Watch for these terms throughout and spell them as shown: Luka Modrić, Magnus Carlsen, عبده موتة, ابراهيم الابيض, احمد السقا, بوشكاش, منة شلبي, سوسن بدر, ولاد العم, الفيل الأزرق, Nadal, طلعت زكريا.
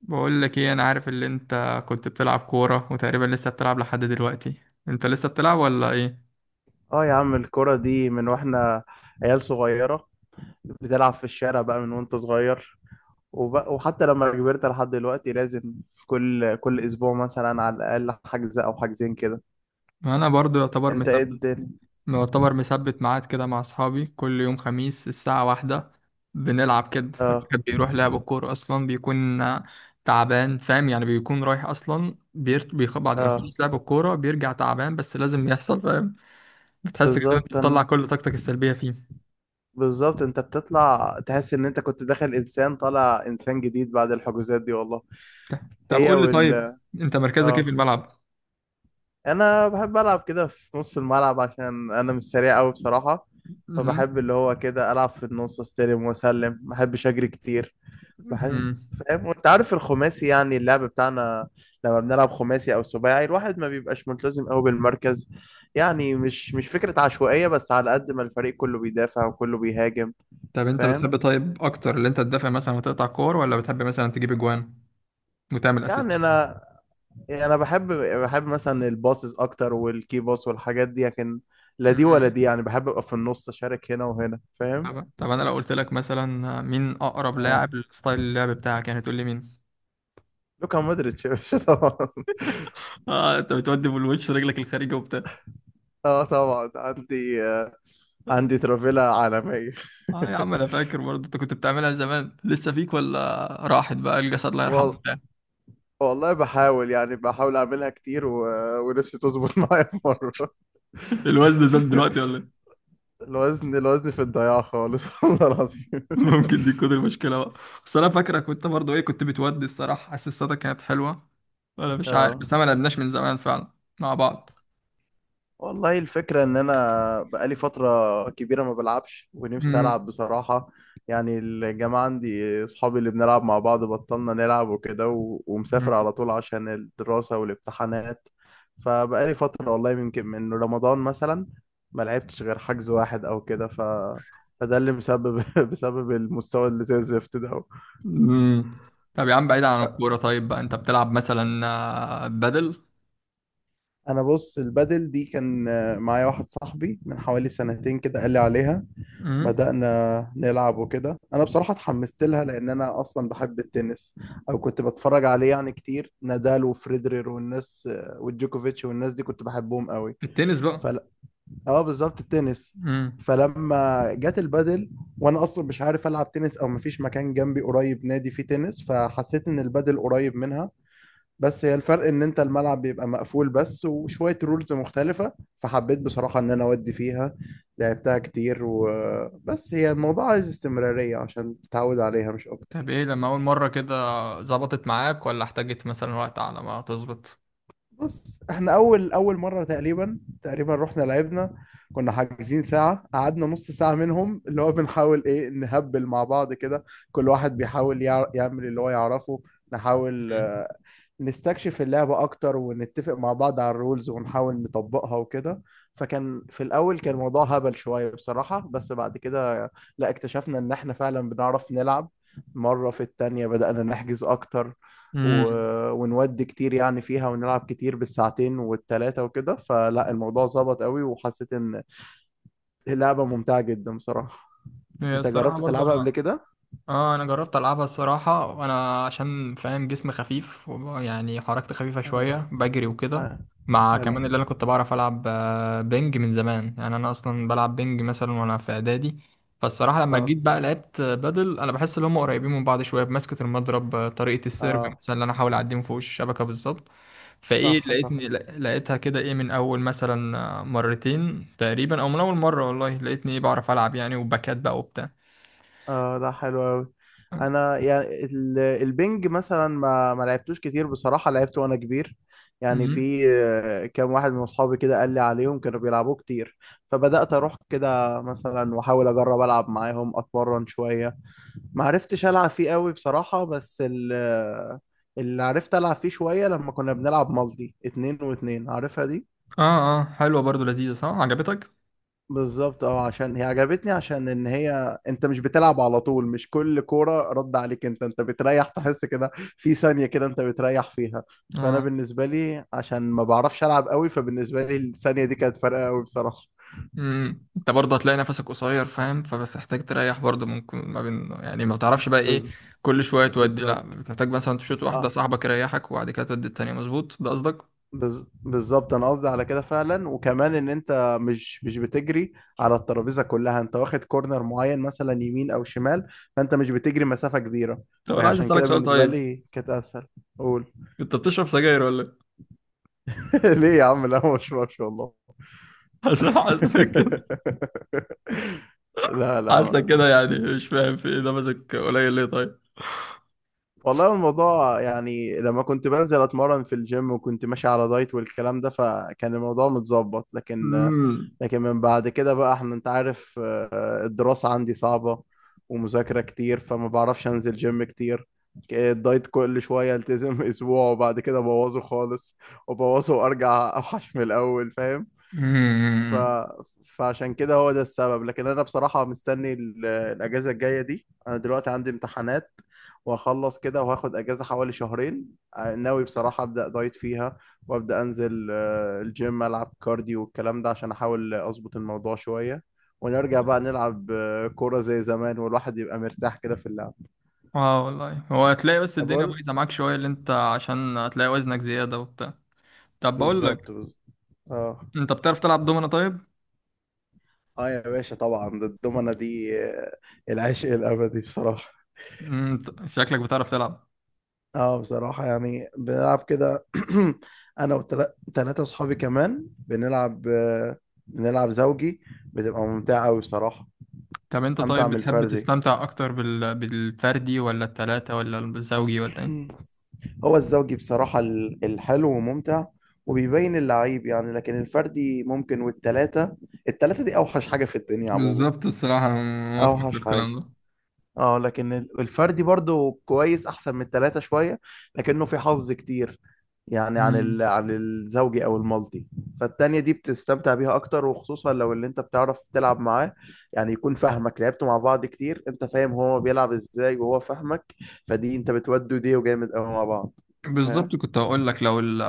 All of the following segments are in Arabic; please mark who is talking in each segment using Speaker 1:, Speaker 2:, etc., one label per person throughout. Speaker 1: بقول لك ايه؟ انا عارف اللي انت كنت بتلعب كورة، وتقريبا لسه بتلعب لحد دلوقتي. انت لسه بتلعب ولا ايه؟
Speaker 2: اه، يا عم الكرة دي من واحنا عيال صغيرة، بتلعب في الشارع بقى من وانت صغير، وبقى وحتى لما كبرت لحد دلوقتي لازم كل اسبوع مثلا على الاقل حجز او حجزين كده.
Speaker 1: انا برضو يعتبر
Speaker 2: انت ايه
Speaker 1: مثبت،
Speaker 2: الدنيا؟
Speaker 1: يعتبر مثبت ميعاد كده مع اصحابي كل يوم خميس الساعة واحدة. بنلعب كده.
Speaker 2: اه،
Speaker 1: الواحد بيروح لعب الكورة اصلا بيكون تعبان، فاهم؟ يعني بيكون رايح اصلا بعد ما
Speaker 2: اه،
Speaker 1: يخلص لعب الكورة بيرجع تعبان، بس لازم يحصل. فاهم؟ بتحس كده إن انت
Speaker 2: بالظبط
Speaker 1: بتطلع
Speaker 2: انا
Speaker 1: كل طاقتك السلبية فيه.
Speaker 2: بالظبط انت بتطلع تحس ان انت كنت داخل انسان طالع انسان جديد بعد الحجوزات دي والله.
Speaker 1: طب
Speaker 2: هي
Speaker 1: قول لي طيب،
Speaker 2: وال
Speaker 1: انت مركزك ايه في
Speaker 2: اه،
Speaker 1: الملعب؟
Speaker 2: انا بحب العب كده في نص الملعب عشان انا مش سريع قوي بصراحه.
Speaker 1: مهم.
Speaker 2: فبحب اللي هو كده العب في النص، استلم واسلم، ما بحبش اجري كتير. بحب
Speaker 1: مهم.
Speaker 2: فاهم، وانت عارف الخماسي يعني اللعب بتاعنا. لما بنلعب خماسي او سباعي الواحد ما بيبقاش ملتزم قوي بالمركز، يعني مش فكره عشوائيه، بس على قد ما الفريق كله بيدافع وكله بيهاجم.
Speaker 1: طب انت
Speaker 2: فاهم.
Speaker 1: بتحب طيب اكتر اللي انت تدافع مثلا وتقطع كور، ولا بتحب مثلا تجيب اجوان وتعمل
Speaker 2: يعني
Speaker 1: اسيستات؟
Speaker 2: انا يعني انا بحب مثلا الباصز اكتر والكي باص والحاجات دي، لكن لا دي ولا
Speaker 1: امم.
Speaker 2: دي، يعني بحب ابقى في النص اشارك هنا وهنا، فاهم.
Speaker 1: طب انا لو قلت لك مثلا مين اقرب
Speaker 2: اه،
Speaker 1: لاعب لستايل اللعب بتاعك، يعني تقول لي مين؟
Speaker 2: لوكا مودريتش يا باشا طبعا.
Speaker 1: اه، انت بتودي بالوش رجلك الخارجي وبتاع.
Speaker 2: اه طبعا عندي ترافيلا عالمية
Speaker 1: اه يا عم، انا فاكر برضه انت كنت بتعملها زمان، لسه فيك ولا راحت بقى الجسد الله يرحمه
Speaker 2: وال...
Speaker 1: بتاع؟
Speaker 2: والله بحاول اعملها كتير ونفسي تظبط معايا في مرة
Speaker 1: الوزن زاد دلوقتي ولا ايه؟
Speaker 2: الوزن في الضياع خالص والله العظيم.
Speaker 1: ممكن دي تكون المشكله بقى. بس انا فاكرك، وانت برضه ايه كنت بتودي، الصراحه اسيستاتك كانت حلوه ولا مش عارف.
Speaker 2: اه،
Speaker 1: بس انا ما لعبناش من زمان فعلا مع بعض.
Speaker 2: والله الفكرة إن أنا بقالي فترة كبيرة ما بلعبش ونفسي
Speaker 1: امم.
Speaker 2: ألعب بصراحة. يعني الجماعة عندي، أصحابي اللي بنلعب مع بعض، بطلنا نلعب وكده ومسافر على طول عشان الدراسة والامتحانات. فبقالي فترة والله، يمكن من رمضان مثلا ما لعبتش غير حجز واحد أو كده. فده اللي مسبب بسبب المستوى اللي زي الزفت ده.
Speaker 1: مم. طب يا عم بعيد عن الكورة طيب، بقى انت بتلعب مثلا بدل.
Speaker 2: أنا بص، البدل دي كان معايا واحد صاحبي من حوالي سنتين كده قال لي عليها.
Speaker 1: مم.
Speaker 2: بدأنا نلعب وكده، انا بصراحة اتحمست لها، لان انا اصلا بحب التنس، او كنت بتفرج عليه يعني كتير. نادال وفريدرير والناس والجوكوفيتش والناس دي كنت بحبهم قوي.
Speaker 1: في التنس بقى؟
Speaker 2: فل... اه، بالظبط، التنس.
Speaker 1: مم.
Speaker 2: فلما جت البادل، وانا اصلا مش عارف العب تنس او مفيش مكان جنبي قريب نادي فيه تنس، فحسيت ان البادل قريب منها. بس هي الفرق ان انت الملعب بيبقى مقفول بس، وشوية رولز مختلفة. فحبيت بصراحة ان انا اودي فيها. لعبتها كتير، وبس هي الموضوع عايز استمرارية عشان تتعود عليها، مش اكتر.
Speaker 1: طب ايه لما اول مرة كده ظبطت معاك، ولا احتاجت مثلا وقت على ما تظبط؟
Speaker 2: بص، احنا اول مرة تقريبا تقريبا رحنا لعبنا، كنا حاجزين ساعة، قعدنا نص ساعة منهم اللي هو بنحاول ايه نهبل مع بعض كده. كل واحد بيحاول يعمل اللي هو يعرفه. نحاول
Speaker 1: مم.
Speaker 2: نستكشف اللعبة أكتر، ونتفق مع بعض على الرولز، ونحاول نطبقها وكده. في الأول كان الموضوع هبل شوية بصراحة، بس بعد كده لا، اكتشفنا إن إحنا فعلا بنعرف نلعب. مرة في التانية بدأنا نحجز أكتر و...
Speaker 1: مم.
Speaker 2: ونودي كتير يعني فيها، ونلعب كتير بالساعتين والتلاتة وكده. فلا، الموضوع ظبط قوي، وحسيت إن اللعبة ممتعة جدا بصراحة.
Speaker 1: هي
Speaker 2: أنت
Speaker 1: الصراحة
Speaker 2: جربت
Speaker 1: برضه
Speaker 2: تلعبها قبل
Speaker 1: انا.
Speaker 2: كده؟
Speaker 1: اه، انا جربت العبها الصراحه، وانا عشان فاهم جسمي خفيف يعني حركتي خفيفه
Speaker 2: حلو،
Speaker 1: شويه بجري وكده.
Speaker 2: حلو،
Speaker 1: مع
Speaker 2: حلو.
Speaker 1: كمان اللي انا كنت بعرف العب بينج من زمان. يعني انا اصلا بلعب بينج مثلا وانا في اعدادي. فالصراحه لما
Speaker 2: اه،
Speaker 1: جيت بقى لعبت بدل، انا بحس ان هم قريبين من بعض شويه، بمسكه المضرب طريقه السيرف
Speaker 2: اه،
Speaker 1: مثلا اللي انا احاول اعدي من فوق الشبكه بالظبط. فايه،
Speaker 2: صح،
Speaker 1: لقيتني
Speaker 2: صح،
Speaker 1: لا- لقيتها كده ايه من اول مثلا مرتين تقريبا او من اول مره، والله لقيتني ايه بعرف العب، يعني وباكات بقى وبتاع.
Speaker 2: اه، ده حلو قوي. انا يعني البنج مثلا ما لعبتوش كتير بصراحه، لعبته وانا كبير. يعني
Speaker 1: مم.
Speaker 2: في كام واحد من اصحابي كده قال لي عليهم كانوا بيلعبوه كتير. فبدات اروح كده مثلا واحاول اجرب العب معاهم اتمرن شويه. ما عرفتش العب فيه قوي بصراحه، بس اللي عرفت العب فيه شويه لما كنا بنلعب مالتي اتنين واتنين، عارفها دي.
Speaker 1: اه اه، حلوة برضو، لذيذة، صح عجبتك؟
Speaker 2: بالظبط، اه، عشان هي عجبتني عشان ان هي انت مش بتلعب على طول، مش كل كوره رد عليك، انت بتريح، تحس كده في ثانيه كده انت بتريح فيها. فانا
Speaker 1: اه.
Speaker 2: بالنسبه لي عشان ما بعرفش العب قوي، فبالنسبه لي الثانيه دي كانت فارقه قوي بصراحه.
Speaker 1: انت برضه هتلاقي نفسك قصير، فاهم؟ فبتحتاج تريح برضه، ممكن ما بين، يعني ما بتعرفش بقى ايه.
Speaker 2: بز...
Speaker 1: كل شوية تودي، لا
Speaker 2: بالظبط،
Speaker 1: بتحتاج مثلا تشوت واحدة
Speaker 2: اه.
Speaker 1: صاحبك يريحك وبعد كده تودي التانية، مظبوط ده قصدك؟
Speaker 2: بالظبط، انا قصدي على كده فعلا، وكمان ان انت مش بتجري على الترابيزه كلها، انت واخد كورنر معين مثلا يمين او شمال، فانت مش بتجري مسافه كبيره.
Speaker 1: طب انا عايز
Speaker 2: فعشان
Speaker 1: اسألك
Speaker 2: كده
Speaker 1: سؤال
Speaker 2: بالنسبه
Speaker 1: طيب،
Speaker 2: لي كانت اسهل. قول.
Speaker 1: انت بتشرب سجاير ولا إيه؟
Speaker 2: ليه يا عم؟ لا، ما بشربش والله.
Speaker 1: اصل أنا حاسك كده.
Speaker 2: لا، لا،
Speaker 1: حاسك
Speaker 2: ما.
Speaker 1: كده، يعني مش فاهم في ايه، ده ماسك قليل ليه طيب؟
Speaker 2: والله الموضوع يعني لما كنت بنزل اتمرن في الجيم وكنت ماشي على دايت والكلام ده، فكان الموضوع متظبط. لكن
Speaker 1: امم.
Speaker 2: لكن من بعد كده بقى احنا، انت عارف، الدراسة عندي صعبة، ومذاكرة كتير، فما بعرفش انزل جيم كتير. الدايت كل شوية التزم اسبوع وبعد كده ابوظه خالص، وابوظه وارجع اوحش من الاول، فاهم. ف...
Speaker 1: امم.
Speaker 2: فعشان كده هو ده السبب، لكن انا بصراحة مستني الاجازة الجاية دي. انا دلوقتي عندي امتحانات، وهخلص كده وهاخد اجازة حوالي شهرين. ناوي بصراحة ابدا دايت فيها، وابدا انزل الجيم، العب كارديو والكلام ده عشان احاول اظبط الموضوع شوية، ونرجع بقى نلعب كورة زي زمان والواحد يبقى مرتاح كده في اللعب.
Speaker 1: اه والله، هو هتلاقي بس الدنيا
Speaker 2: بقول
Speaker 1: بايظة معاك شوية اللي انت، عشان هتلاقي وزنك زيادة وبتاع. طب بقول لك،
Speaker 2: بالظبط، بالظبط، اه.
Speaker 1: انت بتعرف تلعب دومنة طيب؟
Speaker 2: اه، يا باشا طبعا. الضمنة دي، العشق الابدي بصراحة.
Speaker 1: مم، شكلك بتعرف تلعب.
Speaker 2: اه، بصراحة يعني بنلعب كده انا وثلاثة اصحابي كمان بنلعب زوجي، بتبقى ممتعة قوي بصراحة.
Speaker 1: طب انت
Speaker 2: امتع
Speaker 1: طيب
Speaker 2: من
Speaker 1: بتحب
Speaker 2: الفردي.
Speaker 1: تستمتع اكتر بالفردي ولا التلاتة ولا الزوجي ولا ايه؟
Speaker 2: مم. هو الزوجي بصراحة الحلو وممتع، وبيبين اللعيب يعني، لكن الفردي ممكن، والتلاتة، التلاتة دي اوحش حاجة في الدنيا عموما.
Speaker 1: بالظبط، الصراحة أنا موافقك في
Speaker 2: اوحش
Speaker 1: الكلام
Speaker 2: حاجة.
Speaker 1: ده.
Speaker 2: اه، لكن الفردي برضو كويس، احسن من التلاتة شوية، لكنه في حظ كتير، يعني
Speaker 1: مم.
Speaker 2: عن الزوجي او المالتي. فالتانية دي بتستمتع بيها اكتر، وخصوصا لو اللي انت بتعرف تلعب معاه، يعني يكون فاهمك، لعبتوا مع بعض كتير، انت فاهم هو بيلعب ازاي وهو فاهمك، فدي انت بتودوا دي، وجامد قوي مع بعض. فاهم.
Speaker 1: بالظبط، كنت هقول لك لو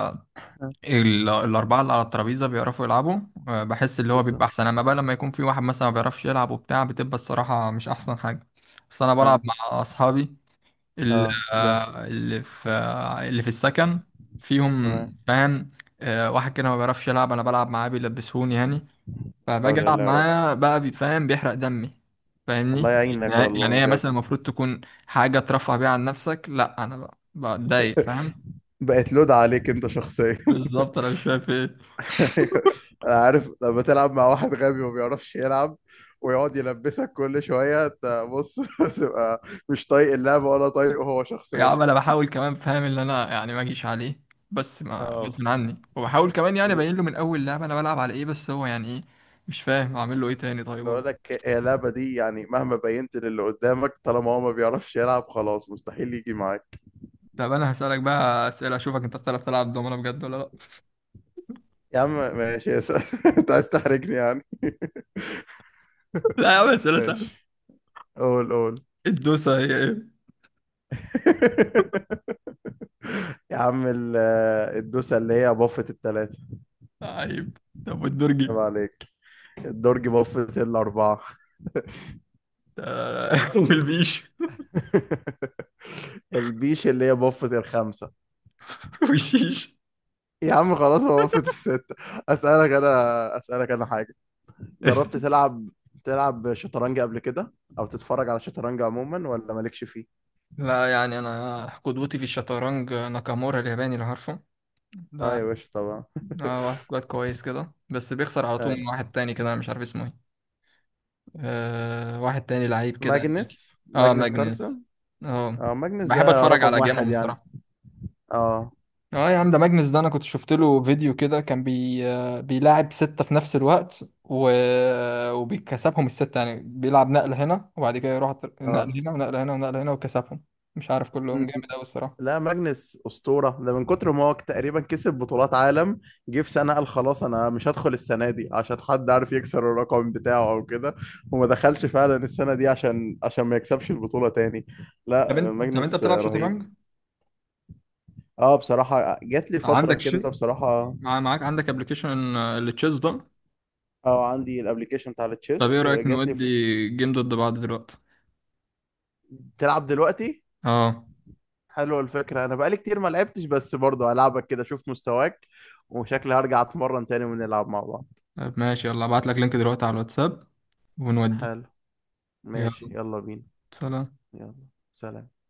Speaker 2: آه.
Speaker 1: الأربعة اللي على الترابيزة بيعرفوا يلعبوا. بحس اللي هو بيبقى
Speaker 2: بالظبط،
Speaker 1: أحسن، أما بقى لما يكون في واحد مثلا ما بيعرفش يلعب وبتاع بتبقى الصراحة مش أحسن حاجة. بس أنا بلعب
Speaker 2: اه،
Speaker 1: مع أصحابي، ال-
Speaker 2: اه،
Speaker 1: اللي في اللي في السكن، فيهم
Speaker 2: تمام.
Speaker 1: بان واحد كده ما بيعرفش يلعب، انا بلعب معاه بيلبسوني يعني.
Speaker 2: لا
Speaker 1: فباجي
Speaker 2: حول
Speaker 1: العب
Speaker 2: الله يا رب.
Speaker 1: معاه بقى فاهم؟ بيحرق دمي،
Speaker 2: الله
Speaker 1: فاهمني؟
Speaker 2: يعينك
Speaker 1: يعني
Speaker 2: والله
Speaker 1: هي
Speaker 2: يا
Speaker 1: مثلا
Speaker 2: ابني.
Speaker 1: المفروض تكون حاجه ترفه بيها عن نفسك. لا انا بقى بتضايق، فاهم؟
Speaker 2: بقت لود عليك انت شخصيا.
Speaker 1: بالظبط، انا مش فاهم في ايه.
Speaker 2: ايوه، انا عارف، لما تلعب مع واحد غبي وما بيعرفش يلعب ويقعد يلبسك كل شويه، انت بص تبقى مش طايق اللعبه ولا طايقه هو
Speaker 1: يا
Speaker 2: شخصيا.
Speaker 1: عم انا بحاول كمان، فاهم، ان انا يعني ما اجيش عليه، بس ما
Speaker 2: اه،
Speaker 1: غصب عني، وبحاول كمان يعني
Speaker 2: ب-
Speaker 1: ابين له من اول لعبه انا بلعب على ايه، بس هو يعني ايه. مش فاهم اعمل له ايه تاني طيب؟
Speaker 2: بقول لك، هي اللعبه دي يعني مهما بينت للي قدامك، طالما هو ما بيعرفش يلعب، خلاص مستحيل يجي معاك.
Speaker 1: طب انا هسألك بقى اسئله اشوفك انت بتعرف تلعب دومنه بجد ولا لا.
Speaker 2: يا عم ماشي، يا سلام انت عايز تحرجني يعني.
Speaker 1: لا يا عم، اسئله سهله.
Speaker 2: ماشي، قول قول.
Speaker 1: الدوسه هي ايه؟
Speaker 2: يا عم الدوسه اللي هي بفت الثلاثه.
Speaker 1: عيب! طب
Speaker 2: عيب
Speaker 1: والدرجي؟
Speaker 2: عليك، الدرج بفت الاربعه.
Speaker 1: آه. والبيش؟
Speaker 2: البيش اللي هي بفت الخمسة.
Speaker 1: والشيش؟
Speaker 2: يا عم خلاص، هو بفت الستة. أسألك أنا حاجة. جربت تلعب شطرنج قبل كده، أو تتفرج على شطرنج عموما ولا مالكش فيه؟
Speaker 1: لا، يعني انا قدوتي في الشطرنج ناكامورا الياباني اللي عارفه
Speaker 2: اه
Speaker 1: ده.
Speaker 2: يا باشا طبعا.
Speaker 1: واحد كويس كويس كده، بس بيخسر على طول
Speaker 2: اي.
Speaker 1: من واحد تاني كده، أنا مش عارف اسمه ايه. واحد تاني لعيب كده أمريكي.
Speaker 2: ماجنس،
Speaker 1: اه
Speaker 2: ماجنس
Speaker 1: ماجنس،
Speaker 2: كارلسن.
Speaker 1: اه.
Speaker 2: اه، ماجنس
Speaker 1: بحب
Speaker 2: ده
Speaker 1: اتفرج
Speaker 2: رقم
Speaker 1: على
Speaker 2: واحد
Speaker 1: جيمهم
Speaker 2: يعني.
Speaker 1: الصراحه.
Speaker 2: اه،
Speaker 1: اه يا عم، ده ماجنس ده انا كنت شفت له فيديو كده، كان بي آه، بيلاعب ستة في نفس الوقت وبيكسبهم الستة، يعني بيلعب نقل هنا وبعد كده يروح نقل
Speaker 2: اه،
Speaker 1: هنا ونقل هنا ونقل هنا وكسبهم. مش عارف كلهم
Speaker 2: م-
Speaker 1: جامد
Speaker 2: م-
Speaker 1: قوي الصراحة.
Speaker 2: لا، ماجنس أسطورة، ده من كتر ما هو تقريبا كسب بطولات عالم. جه في سنة قال خلاص أنا مش هدخل السنة دي عشان حد عارف يكسر الرقم بتاعه أو كده، وما دخلش فعلا السنة دي عشان ما يكسبش البطولة تاني.
Speaker 1: طب
Speaker 2: لا،
Speaker 1: انت طب انت
Speaker 2: ماجنس
Speaker 1: بتلعب
Speaker 2: رهيب.
Speaker 1: شطرنج؟
Speaker 2: اه، بصراحة جات لي فترة
Speaker 1: عندك شيء،
Speaker 2: كده بصراحة.
Speaker 1: معاك عندك ابلكيشن اللي تشيز ده؟
Speaker 2: اه، عندي الابليكيشن بتاع
Speaker 1: طب ايه
Speaker 2: التشيس
Speaker 1: رأيك
Speaker 2: جات لي.
Speaker 1: نودي جيم ضد بعض دلوقتي؟
Speaker 2: تلعب دلوقتي؟
Speaker 1: اه.
Speaker 2: حلوه الفكرة، أنا بقالي كتير ما لعبتش، بس برضه هلعبك كده أشوف مستواك، وشكلي هرجع أتمرن تاني ونلعب مع بعض.
Speaker 1: طب ماشي، يلا ابعت لك لينك دلوقتي على الواتساب ونودي.
Speaker 2: حلو، ماشي،
Speaker 1: يلا،
Speaker 2: يلا بينا.
Speaker 1: سلام.
Speaker 2: يلا، سلام.